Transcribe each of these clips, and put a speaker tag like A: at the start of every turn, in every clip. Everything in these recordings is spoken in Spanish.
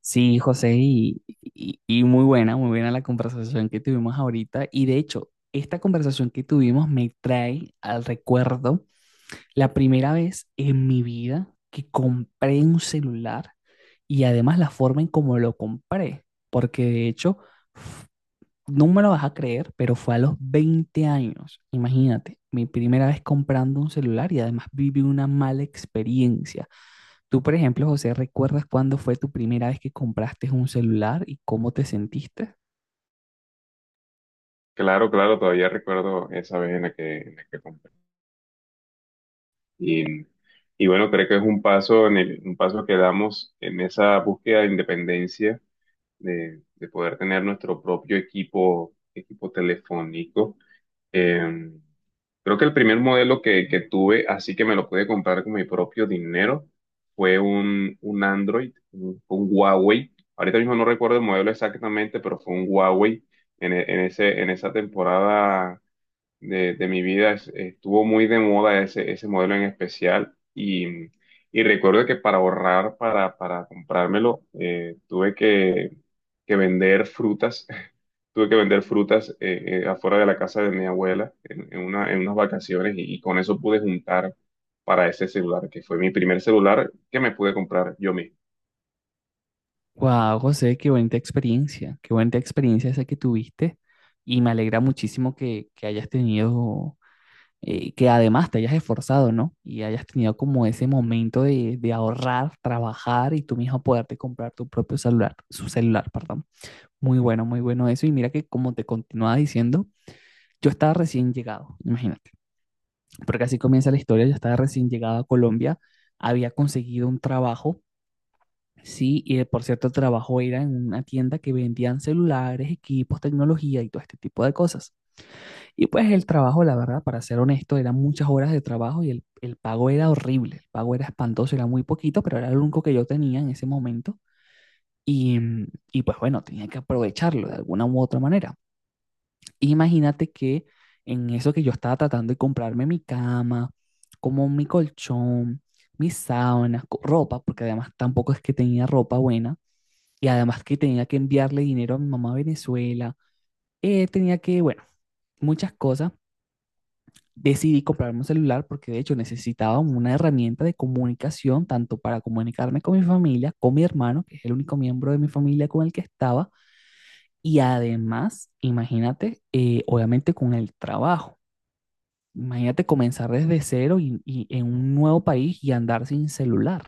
A: Sí, José, y muy buena la conversación que tuvimos ahorita. Y de hecho, esta conversación que tuvimos me trae al recuerdo la primera vez en mi vida que compré un celular y además la forma en cómo lo compré, porque de hecho, f- no me lo vas a creer, pero fue a los 20 años, imagínate, mi primera vez comprando un celular y además viví una mala experiencia. Tú, por ejemplo, José, ¿recuerdas cuándo fue tu primera vez que compraste un celular y cómo te sentiste?
B: Claro, claro, todavía recuerdo esa vez en la que compré. Y, y bueno, creo que es un paso, un paso que damos en esa búsqueda de independencia, de poder tener nuestro propio equipo, equipo telefónico. Eh, Creo que el primer modelo que tuve, así que me lo pude comprar con mi propio dinero, fue un Android, un Huawei. Ahorita mismo no recuerdo el modelo exactamente, pero fue un Huawei en, en ese, en esa temporada de mi vida estuvo muy de moda ese, ese modelo en especial y recuerdo que para ahorrar, para comprármelo, tuve que vender frutas, tuve que vender frutas afuera de la casa de mi abuela en, en unas vacaciones y con eso pude juntar para ese celular, que fue mi primer celular que me pude comprar yo mismo.
A: Wow, José, qué bonita experiencia esa que tuviste y me alegra muchísimo que hayas tenido, que además te hayas esforzado, ¿no? Y hayas tenido como ese momento de ahorrar, trabajar y tú mismo poderte comprar tu propio celular, su celular, perdón. Muy bueno, muy bueno eso y mira que como te continuaba diciendo, yo estaba recién llegado, imagínate. Porque así comienza la historia, ella estaba recién llegada a Colombia, había conseguido un trabajo, sí, y por cierto el trabajo era en una tienda que vendían celulares, equipos, tecnología y todo este tipo de cosas. Y pues el trabajo, la verdad, para ser honesto, eran muchas horas de trabajo y el pago era horrible, el pago era espantoso, era muy poquito, pero era lo único que yo tenía en ese momento. Y pues bueno, tenía que aprovecharlo de alguna u otra manera. Imagínate que en eso que yo estaba tratando de comprarme mi cama, como mi colchón, mis sábanas, ropa, porque además tampoco es que tenía ropa buena, y además que tenía que enviarle dinero a mi mamá a Venezuela, tenía que, bueno, muchas cosas. Decidí comprarme un celular porque de hecho necesitaba una herramienta de comunicación, tanto para comunicarme con mi familia, con mi hermano, que es el único miembro de mi familia con el que estaba, y además, imagínate, obviamente con el trabajo. Imagínate comenzar desde cero y en un nuevo país y andar sin celular.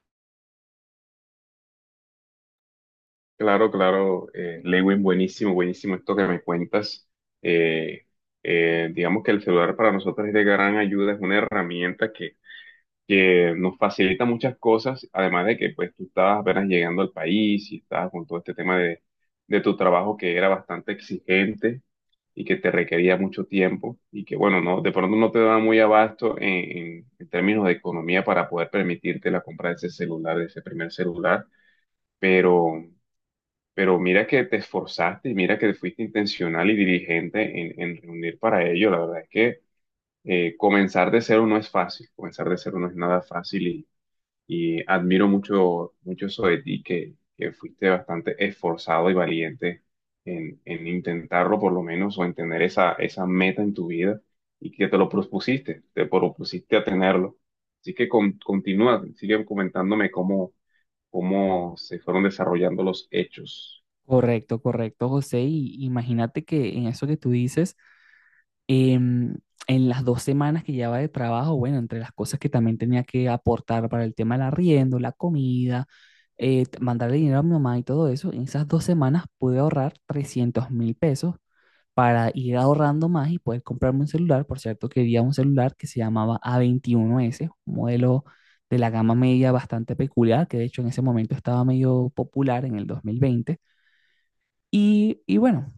B: Claro, claro, Lewin, buenísimo, buenísimo esto que me cuentas. Eh, digamos que el celular para nosotros es de gran ayuda, es una herramienta que nos facilita muchas cosas, además de que pues tú estabas apenas llegando al país y estabas con todo este tema de tu trabajo que era bastante exigente y que te requería mucho tiempo y que bueno, no, de pronto no te daba muy abasto en, en términos de economía para poder permitirte la compra de ese celular, de ese primer celular, pero... Pero mira que te esforzaste y mira que fuiste intencional y diligente en reunir para ello. La verdad es que comenzar de cero no es fácil, comenzar de cero no es nada fácil y admiro mucho, mucho eso de ti, que fuiste bastante esforzado y valiente en intentarlo por lo menos o en tener esa, esa meta en tu vida y que te lo propusiste, te propusiste a tenerlo. Así que continúa, sigue comentándome cómo, cómo se fueron desarrollando los hechos.
A: Correcto, correcto, José. Y imagínate que en eso que tú dices, em, en las dos semanas que llevaba de trabajo, bueno, entre las cosas que también tenía que aportar para el tema del arriendo, la comida, mandarle dinero a mi mamá y todo eso, en esas dos semanas pude ahorrar 300.000 pesos para ir ahorrando más y poder comprarme un celular. Por cierto, quería un celular que se llamaba A21S, un modelo de la gama media bastante peculiar, que de hecho en ese momento estaba medio popular en el 2020. Y bueno,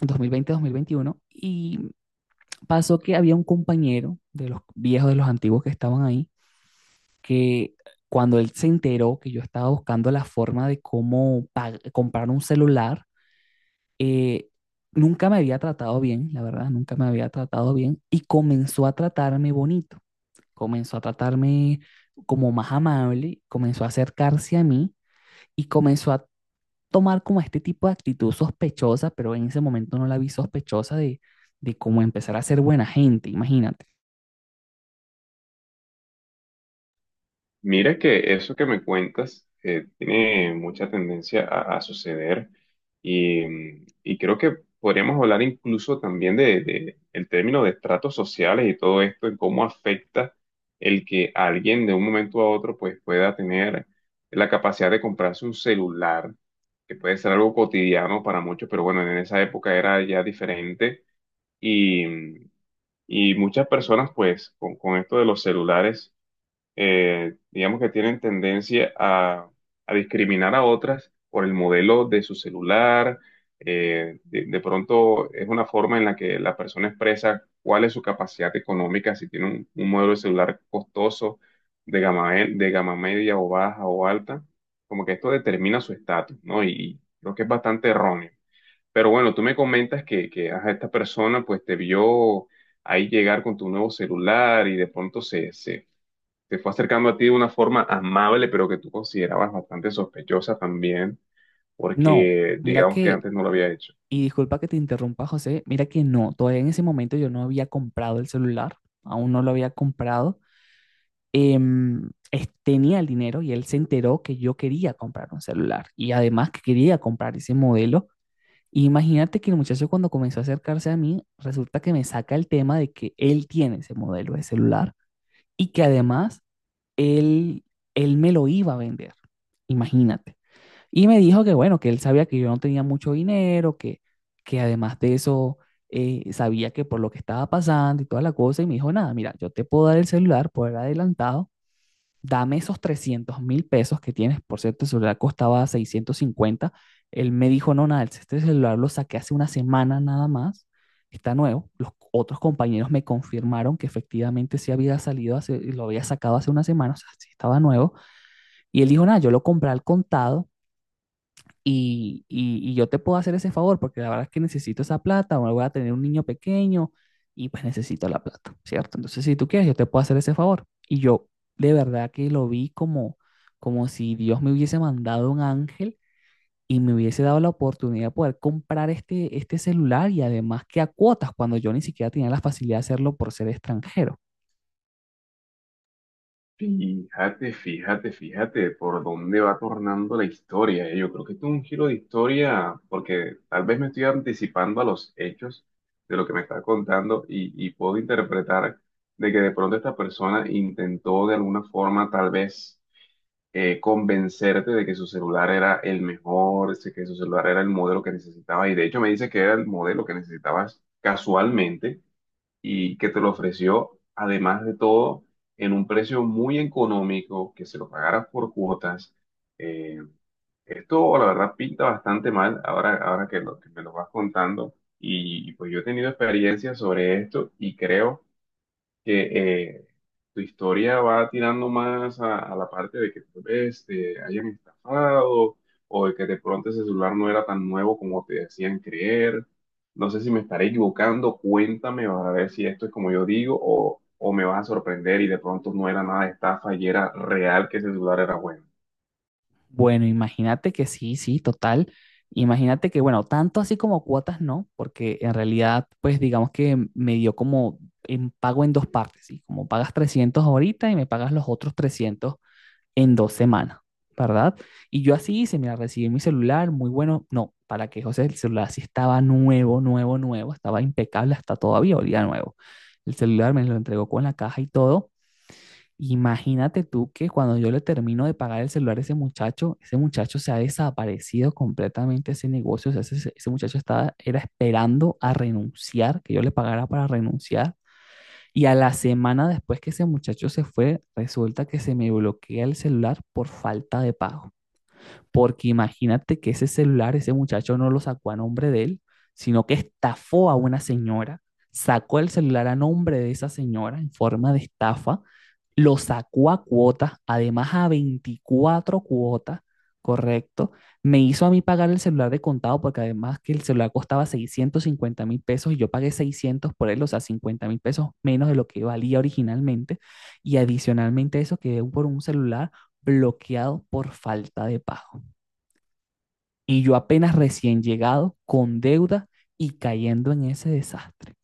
A: 2020-2021. Y pasó que había un compañero de los viejos, de los antiguos que estaban ahí, que cuando él se enteró que yo estaba buscando la forma de cómo comprar un celular, eh, nunca me había tratado bien, la verdad, nunca me había tratado bien y comenzó a tratarme bonito, comenzó a tratarme como más amable, comenzó a acercarse a mí y comenzó a tomar como este tipo de actitud sospechosa, pero en ese momento no la vi sospechosa de cómo empezar a ser buena gente, imagínate.
B: Mira que eso que me cuentas tiene mucha tendencia a suceder y, y creo que podríamos hablar incluso también de el término de estratos sociales y todo esto, en cómo afecta el que alguien de un momento a otro pues pueda tener la capacidad de comprarse un celular, que puede ser algo cotidiano para muchos, pero bueno, en esa época era ya diferente y, y muchas personas pues con esto de los celulares digamos que tienen tendencia a discriminar a otras por el modelo de su celular. Eh, de pronto es una forma en la que la persona expresa cuál es su capacidad económica, si tiene un modelo de celular costoso, de gama, de gama media o baja o alta, como que esto determina su estatus, ¿no? Y creo que es bastante erróneo. Pero bueno, tú me comentas que ajá, esta persona pues te vio ahí llegar con tu nuevo celular y de pronto se fue acercando a ti de una forma amable, pero que tú considerabas bastante sospechosa también,
A: No,
B: porque
A: mira
B: digamos que
A: que,
B: antes no lo había hecho.
A: y disculpa que te interrumpa, José, mira que no, todavía en ese momento yo no había comprado el celular, aún no lo había comprado. Tenía el dinero y él se enteró que yo quería comprar un celular y además que quería comprar ese modelo. Y imagínate que el muchacho cuando comenzó a acercarse a mí, resulta que me saca el tema de que él tiene ese modelo de celular y que además él, él me lo iba a vender. Imagínate. Y me dijo que bueno, que él sabía que yo no tenía mucho dinero, que además de eso sabía que por lo que estaba pasando y toda la cosa, y me dijo, nada, mira, yo te puedo dar el celular por adelantado, dame esos 300.000 pesos que tienes, por cierto, el celular costaba 650. Él me dijo, no, nada, este celular lo saqué hace una semana nada más, está nuevo, los otros compañeros me confirmaron que efectivamente sí había salido, hace, lo había sacado hace una semana, o sea, sí estaba nuevo, y él dijo, nada, yo lo compré al contado, y yo te puedo hacer ese favor porque la verdad es que necesito esa plata o voy a tener un niño pequeño y pues necesito la plata, ¿cierto? Entonces, si tú quieres, yo te puedo hacer ese favor. Y yo de verdad que lo vi como, como si Dios me hubiese mandado un ángel y me hubiese dado la oportunidad de poder comprar este, este celular y además que a cuotas cuando yo ni siquiera tenía la facilidad de hacerlo por ser extranjero.
B: Fíjate, fíjate, fíjate por dónde va tornando la historia. Eh. Yo creo que esto es un giro de historia, porque tal vez me estoy anticipando a los hechos de lo que me está contando y puedo interpretar de que de pronto esta persona intentó de alguna forma tal vez convencerte de que su celular era el mejor, de que su celular era el modelo que necesitabas. Y de hecho me dice que era el modelo que necesitabas casualmente y que te lo ofreció, además de todo, en un precio muy económico, que se lo pagaras por cuotas. Eh, Esto, la verdad, pinta bastante mal ahora, ahora que, que me lo vas contando. Y pues yo he tenido experiencias sobre esto y creo que tu historia va tirando más a la parte de que tal vez te hayan estafado o de que de pronto ese celular no era tan nuevo como te decían creer. No sé si me estaré equivocando, cuéntame para ver si esto es como yo digo o me vas a sorprender y de pronto no era nada de estafa y era real que ese celular era bueno.
A: Bueno, imagínate que sí, sí, total. Imagínate que, bueno, tanto así como cuotas no, porque en realidad, pues digamos que me dio como en pago en dos partes, ¿sí? Como pagas 300 ahorita y me pagas los otros 300 en dos semanas, ¿verdad? Y yo así hice, mira, recibí mi celular, muy bueno. No, para que José, el celular sí estaba nuevo, nuevo, nuevo, estaba impecable hasta todavía, olía nuevo. El celular me lo entregó con la caja y todo. Imagínate tú que cuando yo le termino de pagar el celular a ese muchacho se ha desaparecido completamente ese negocio. O sea, ese muchacho estaba, era esperando a renunciar, que yo le pagara para renunciar. Y a la semana después que ese muchacho se fue, resulta que se me bloquea el celular por falta de pago porque imagínate que ese celular, ese muchacho no lo sacó a nombre de él, sino que estafó a una señora, sacó el celular a nombre de esa señora en forma de estafa, lo sacó a cuotas, además a 24 cuotas, correcto, me hizo a mí pagar el celular de contado porque además que el celular costaba 650.000 pesos y yo pagué 600 por él, o sea, 50.000 pesos menos de lo que valía originalmente y adicionalmente eso quedé por un celular bloqueado por falta de pago. Y yo apenas recién llegado, con deuda y cayendo en ese desastre.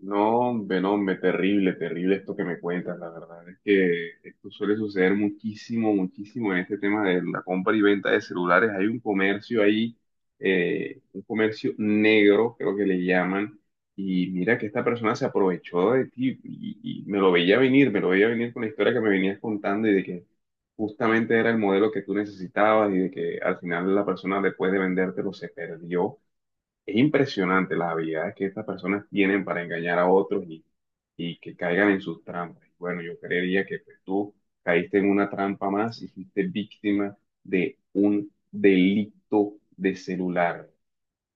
B: No, hombre, no, hombre, terrible, terrible esto que me cuentas, la verdad. Es que esto suele suceder muchísimo, muchísimo en este tema de la compra y venta de celulares. Hay un comercio ahí, un comercio negro, creo que le llaman. Y mira que esta persona se aprovechó de ti y me lo veía venir, me lo veía venir con la historia que me venías contando y de que justamente era el modelo que tú necesitabas y de que al final la persona después de vendértelo se perdió. Es impresionante las habilidades que estas personas tienen para engañar a otros y que caigan en sus trampas. Y bueno, yo creería que pues, tú caíste en una trampa más y fuiste víctima de un delito de celular.